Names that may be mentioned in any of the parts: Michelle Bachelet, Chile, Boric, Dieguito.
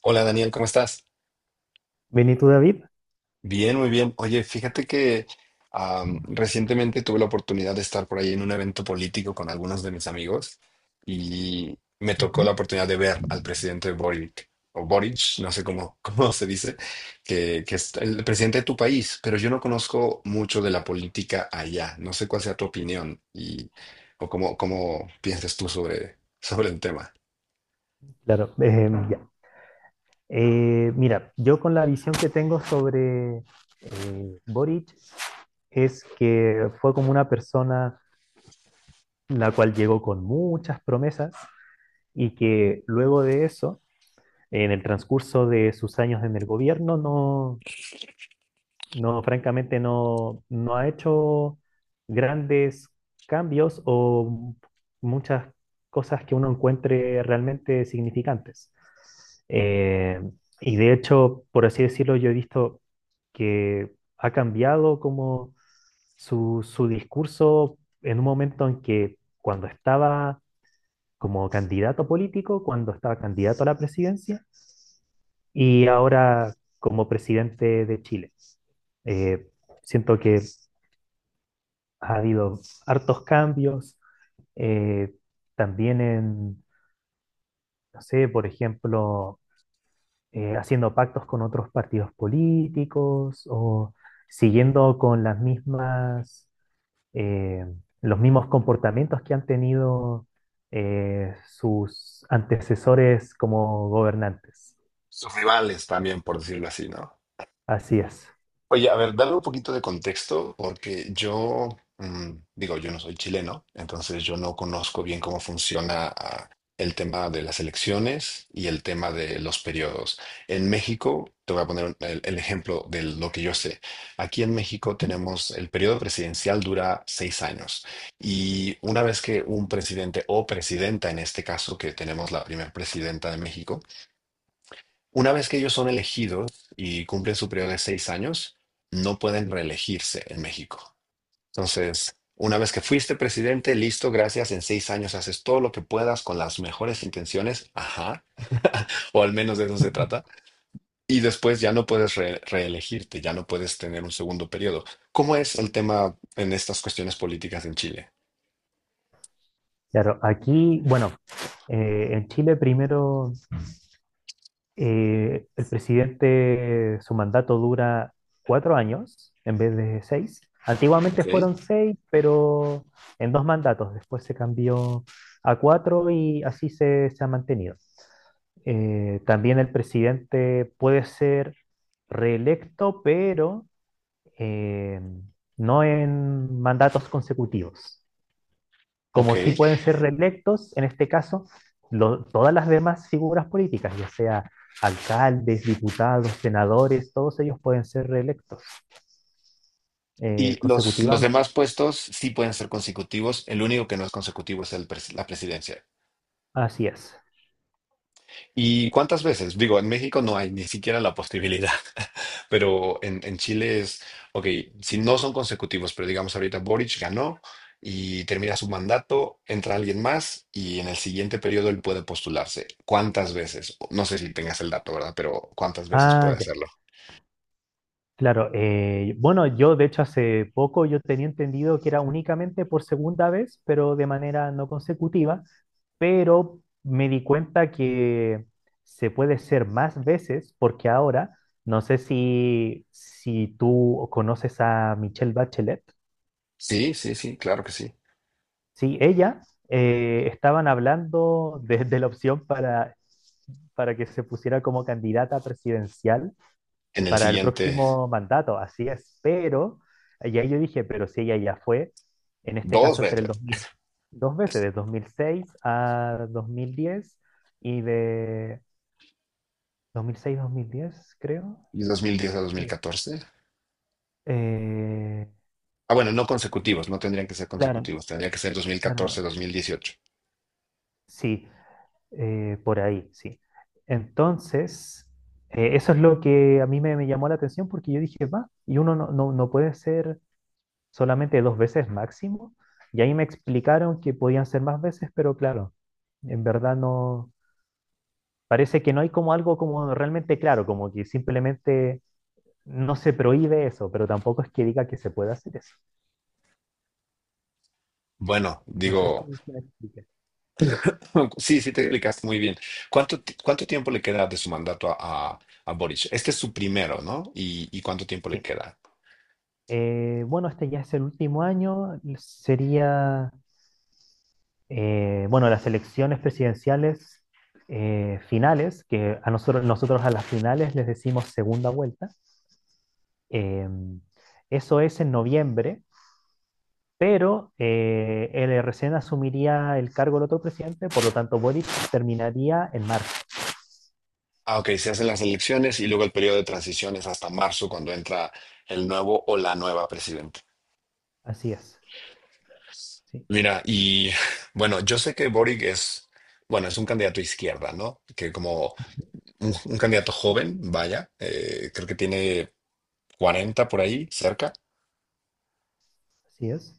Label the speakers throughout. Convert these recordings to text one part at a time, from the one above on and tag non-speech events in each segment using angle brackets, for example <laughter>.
Speaker 1: Hola Daniel, ¿cómo estás?
Speaker 2: Vení tú, David.
Speaker 1: Bien, muy bien. Oye, fíjate que recientemente tuve la oportunidad de estar por ahí en un evento político con algunos de mis amigos y me tocó
Speaker 2: Ujú.
Speaker 1: la oportunidad de ver al presidente Boric, o Boric, no sé cómo, <laughs> cómo se dice, que es el presidente de tu país, pero yo no conozco mucho de la política allá. No sé cuál sea tu opinión y o cómo piensas tú sobre el tema.
Speaker 2: Claro, ya. Mira, yo con la visión que tengo sobre Boric es que fue como una persona la cual llegó con muchas promesas y que luego de eso, en el transcurso de sus años en el gobierno, No, francamente no, ha hecho grandes cambios o muchas cosas que uno encuentre realmente significantes. Eh, y de hecho, por así decirlo, yo he visto que ha cambiado como su discurso en un momento en que cuando estaba como candidato político, cuando estaba candidato a la presidencia y ahora como presidente de Chile. Eh, Siento que ha habido hartos cambios, eh, también en, no sé, por ejemplo, haciendo pactos con otros partidos políticos o siguiendo con las mismas, eh, los mismos comportamientos que han tenido sus antecesores como gobernantes.
Speaker 1: Sus rivales también, por decirlo así, ¿no?
Speaker 2: Así es.
Speaker 1: Oye, a ver, dame un poquito de contexto, porque yo, mm, digo, yo no soy chileno, entonces yo no conozco bien cómo funciona el tema de las elecciones y el tema de los periodos. En México, te voy a poner el ejemplo de lo que yo sé. Aquí en México tenemos el periodo presidencial dura 6 años y una vez que un presidente o presidenta, en este caso que tenemos la primera presidenta de México, una vez que ellos son elegidos y cumplen su periodo de 6 años, no pueden reelegirse en México. Entonces, una vez que fuiste presidente, listo, gracias, en 6 años haces todo lo que puedas con las mejores intenciones, ajá, <laughs> o al menos de eso se trata, y después ya no puedes reelegirte, ya no puedes tener un segundo periodo. ¿Cómo es el tema en estas cuestiones políticas en Chile?
Speaker 2: Claro, aquí, bueno, en Chile primero el presidente, su mandato dura 4 años en vez de seis. Antiguamente
Speaker 1: Ok,
Speaker 2: fueron seis, pero en 2 mandatos. Después se cambió a cuatro y así se ha mantenido. También el presidente puede ser reelecto, pero eh, no en mandatos consecutivos
Speaker 1: ok.
Speaker 2: como sí pueden ser reelectos, en este caso, todas las demás figuras políticas, ya sea alcaldes, diputados, senadores, todos ellos pueden ser reelectos
Speaker 1: Y los
Speaker 2: consecutivamente.
Speaker 1: demás puestos sí pueden ser consecutivos, el único que no es consecutivo es la presidencia.
Speaker 2: Así es.
Speaker 1: ¿Y cuántas veces? Digo, en México no hay ni siquiera la posibilidad, <laughs> pero en Chile es, ok, si no son consecutivos, pero digamos ahorita Boric ganó y termina su mandato, entra alguien más y en el siguiente periodo él puede postularse. ¿Cuántas veces? No sé si tengas el dato, ¿verdad? Pero ¿cuántas veces
Speaker 2: Ah,
Speaker 1: puede
Speaker 2: ya.
Speaker 1: hacerlo?
Speaker 2: Claro, bueno, yo de hecho hace poco yo tenía entendido que era únicamente por segunda vez, pero de manera no consecutiva, pero me di cuenta que se puede ser más veces porque ahora, no sé si tú conoces a Michelle Bachelet,
Speaker 1: Sí, sí, sí, claro que sí.
Speaker 2: sí, ella estaban hablando de la opción para que se pusiera como candidata presidencial
Speaker 1: En el
Speaker 2: para el
Speaker 1: siguiente,
Speaker 2: próximo mandato, así es, pero, y ahí yo dije, pero si ella ya fue, en este
Speaker 1: dos
Speaker 2: caso entre el
Speaker 1: veces.
Speaker 2: 2000, 2 veces, de 2006 a 2010 y de 2006-2010, creo.
Speaker 1: ¿Y 2010 a
Speaker 2: Sí.
Speaker 1: 2014?
Speaker 2: Eh,
Speaker 1: Ah, bueno, no consecutivos, no tendrían que ser
Speaker 2: claro,
Speaker 1: consecutivos, tendría que ser
Speaker 2: claro, no, no, no.
Speaker 1: 2014-2018.
Speaker 2: Sí, por ahí, sí. Entonces, eso es lo que a mí me llamó la atención porque yo dije, va, y uno no puede ser solamente 2 veces máximo. Y ahí me explicaron que podían ser más veces, pero claro, en verdad no, parece que no hay como algo como realmente claro, como que simplemente no se prohíbe eso, pero tampoco es que diga que se puede hacer eso.
Speaker 1: Bueno,
Speaker 2: No sé si
Speaker 1: digo,
Speaker 2: si me expliqué.
Speaker 1: <laughs> sí, sí te explicaste muy bien. ¿Cuánto tiempo le queda de su mandato a Boric? Este es su primero, ¿no? ¿Y cuánto tiempo le
Speaker 2: Sí.
Speaker 1: queda?
Speaker 2: Bueno, este ya es el último año, sería, bueno, las elecciones presidenciales finales, que a nosotros, a las finales les decimos segunda vuelta. Eh, Eso es en noviembre, pero él recién asumiría el cargo el otro presidente, por lo tanto Boric terminaría en marzo.
Speaker 1: Ah, ok, se hacen las elecciones y luego el periodo de transición es hasta marzo cuando entra el nuevo o la nueva presidenta.
Speaker 2: Así es. Sí,
Speaker 1: Mira, y <laughs> bueno, yo sé que Boric es, bueno, es un candidato izquierda, ¿no? Que como un candidato joven, vaya, creo que tiene 40 por ahí, cerca.
Speaker 2: así es.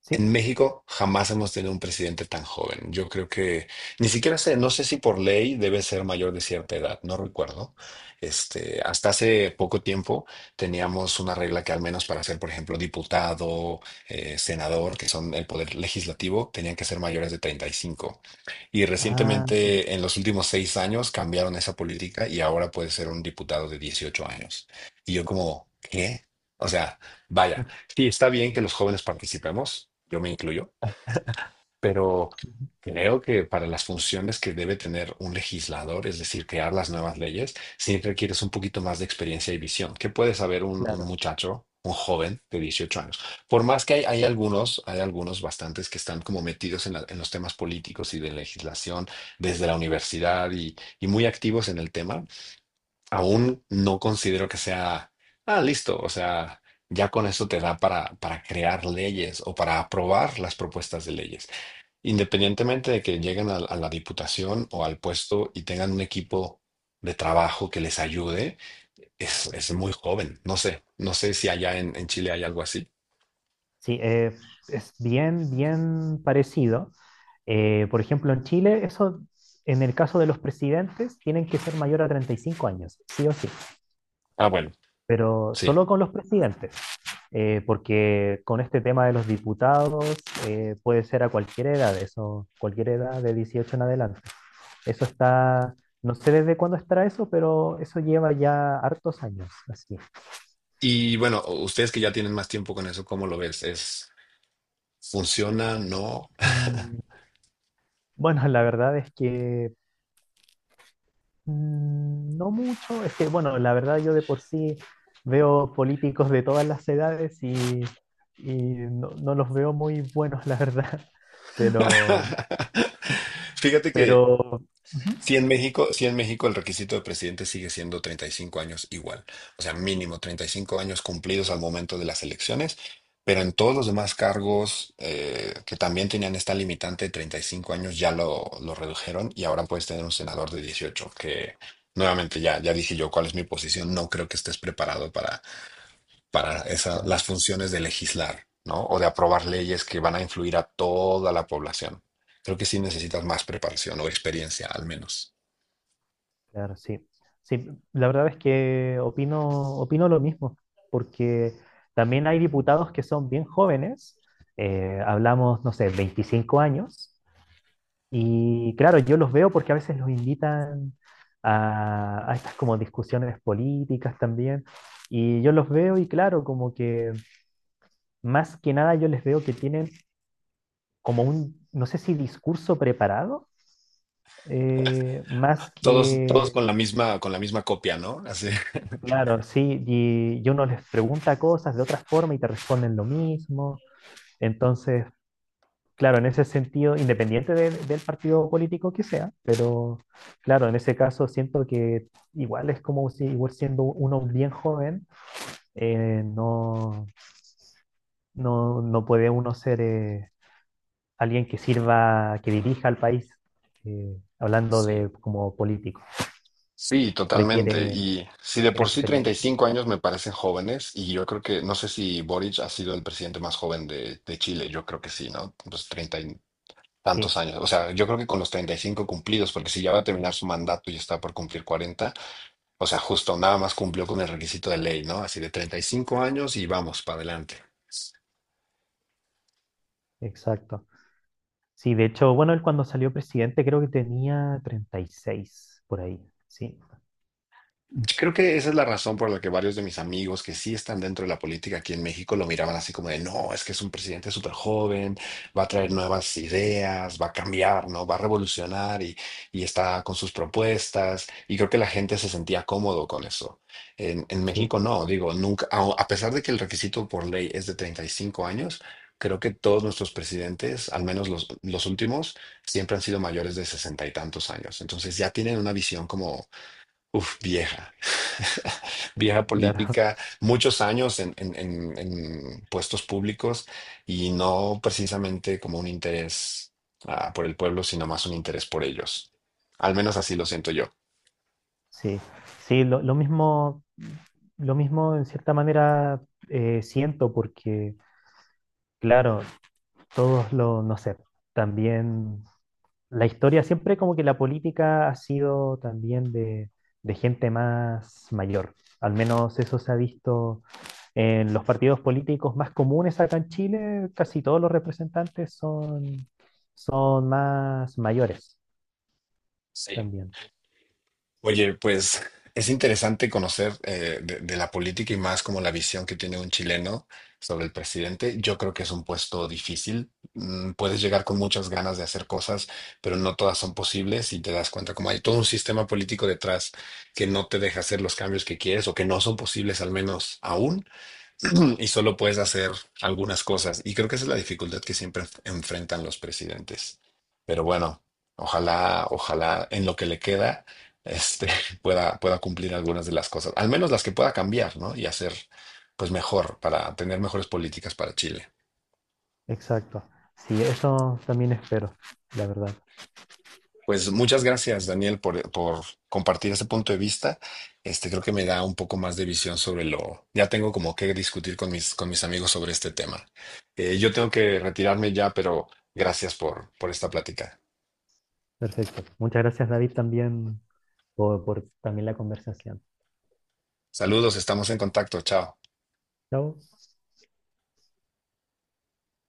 Speaker 2: Sí.
Speaker 1: En México jamás hemos tenido un presidente tan joven. Yo creo que ni siquiera sé, no sé si por ley debe ser mayor de cierta edad, no recuerdo. Hasta hace poco tiempo teníamos una regla que al menos para ser, por ejemplo, diputado, senador, que son el poder legislativo, tenían que ser mayores de 35. Y
Speaker 2: Ah, sí.
Speaker 1: recientemente, en los últimos 6 años, cambiaron esa política y ahora puede ser un diputado de 18 años. Y yo como, ¿qué? O sea, vaya,
Speaker 2: <laughs>
Speaker 1: sí, está bien que los jóvenes participemos, yo me incluyo, pero
Speaker 2: Ujú,
Speaker 1: creo que para las funciones que debe tener un legislador, es decir, crear las nuevas leyes, sí requieres un poquito más de experiencia y visión. ¿Qué puede saber un
Speaker 2: claro.
Speaker 1: muchacho? Un joven de 18 años. Por más que hay algunos, hay algunos bastantes que están como metidos en los temas políticos y de legislación desde la universidad y muy activos en el tema, aún no considero que sea, ah, listo, o sea, ya con eso te da para crear leyes o para aprobar las propuestas de leyes. Independientemente de que lleguen a la diputación o al puesto y tengan un equipo de trabajo que les ayude, es muy joven. No sé si allá en Chile hay algo así.
Speaker 2: Sí, es bien, bien parecido. Por ejemplo, en Chile, eso, en el caso de los presidentes, tienen que ser mayor a 35 años, sí o sí.
Speaker 1: Ah, bueno,
Speaker 2: Pero
Speaker 1: sí.
Speaker 2: solo con los presidentes, porque con este tema de los diputados puede ser a cualquier edad, eso, cualquier edad de 18 en adelante. Eso está, no sé desde cuándo estará eso, pero eso lleva ya hartos años, así.
Speaker 1: Y bueno, ustedes que ya tienen más tiempo con eso, ¿cómo lo ves? ¿Es, funciona? ¿No?
Speaker 2: Mm, bueno, la verdad es que no mucho, es que, bueno, la verdad yo de por sí veo políticos de todas las edades y no, no los veo muy buenos, la verdad, <laughs> pero...
Speaker 1: <laughs> Fíjate que
Speaker 2: Pero. Ujú.
Speaker 1: si en México, si en México el requisito de presidente sigue siendo 35 años igual, o sea, mínimo 35 años cumplidos al momento de las elecciones, pero en todos los demás cargos que también tenían esta limitante de 35 años ya lo, redujeron y ahora puedes tener un senador de 18 que nuevamente ya, dije yo cuál es mi posición, no creo que estés preparado para esa,
Speaker 2: Claro,
Speaker 1: las funciones de legislar, ¿no? O de aprobar leyes que van a influir a toda la población. Creo que sí necesitas más preparación o experiencia al menos.
Speaker 2: claro, sí. Sí, la verdad es que opino lo mismo, porque también hay diputados que son bien jóvenes, hablamos, no sé, 25 años, y claro, yo los veo porque a veces los invitan a estas como discusiones políticas también, y yo los veo y claro, como que más que nada yo les veo que tienen como un, no sé si discurso preparado, más
Speaker 1: todos
Speaker 2: que
Speaker 1: con la misma copia, ¿no? Así.
Speaker 2: Claro, sí, y uno les pregunta cosas de otra forma y te responden lo mismo. Entonces, claro, en ese sentido, independiente del partido político que sea, pero claro, en ese caso siento que igual es como si, igual siendo uno bien joven, no, no puede uno ser alguien que sirva, que dirija al país, hablando
Speaker 1: Sí.
Speaker 2: de como político.
Speaker 1: Sí, totalmente.
Speaker 2: Requiere,
Speaker 1: Y si de
Speaker 2: Requiere
Speaker 1: por sí treinta y
Speaker 2: experiencia.
Speaker 1: cinco años me parecen jóvenes, y yo creo que, no sé si Boric ha sido el presidente más joven de Chile, yo creo que sí, ¿no? Pues 30 y
Speaker 2: Sí,
Speaker 1: tantos años. O sea, yo creo que con los 35 cumplidos, porque si ya va a terminar su mandato y está por cumplir 40, o sea, justo nada más cumplió con el requisito de ley, ¿no? Así de 35 años y vamos para adelante.
Speaker 2: exacto. Sí, de hecho, bueno, él cuando salió presidente creo que tenía 36 por ahí. Sí,
Speaker 1: Creo que esa es la razón por la que varios de mis amigos que sí están dentro de la política aquí en México lo miraban así como de, no, es que es un presidente súper joven, va a traer nuevas ideas, va a cambiar, ¿no? Va a revolucionar y está con sus propuestas. Y creo que la gente se sentía cómodo con eso. En
Speaker 2: sí,
Speaker 1: México no, digo, nunca, a pesar de que el requisito por ley es de 35 años, creo que todos nuestros presidentes, al menos los últimos, siempre han sido mayores de sesenta y tantos años. Entonces ya tienen una visión como uf, vieja, <laughs> vieja
Speaker 2: claro. <laughs>
Speaker 1: política, muchos años en puestos públicos y no precisamente como un interés por el pueblo, sino más un interés por ellos. Al menos así lo siento yo.
Speaker 2: Sí, sí, lo mismo en cierta manera siento porque, claro, todos los, no sé, también la historia siempre como que la política ha sido también de gente más mayor. Al menos eso se ha visto en los partidos políticos más comunes acá en Chile. Casi todos los representantes son más mayores
Speaker 1: Sí.
Speaker 2: también.
Speaker 1: Oye, pues es interesante conocer de, la política y más como la visión que tiene un chileno sobre el presidente. Yo creo que es un puesto difícil. Puedes llegar con muchas ganas de hacer cosas, pero no todas son posibles y te das cuenta como hay todo un sistema político detrás que no te deja hacer los cambios que quieres o que no son posibles al menos aún. <clears throat> Y solo puedes hacer algunas cosas. Y creo que esa es la dificultad que siempre enfrentan los presidentes. Pero bueno, ojalá en lo que le queda, este, <laughs> pueda cumplir algunas de las cosas, al menos las que pueda cambiar, ¿no? Y hacer, pues mejor, para tener mejores políticas para Chile.
Speaker 2: Exacto. Sí, eso también espero, la verdad.
Speaker 1: Pues muchas gracias, Daniel, por compartir ese punto de vista. Este, creo que me da un poco más de visión sobre lo. Ya tengo como que discutir con mis amigos sobre este tema. Yo tengo que retirarme ya, pero gracias por esta plática.
Speaker 2: Perfecto. Muchas gracias, David, también por también la conversación.
Speaker 1: Saludos, estamos en contacto. Chao.
Speaker 2: Chao.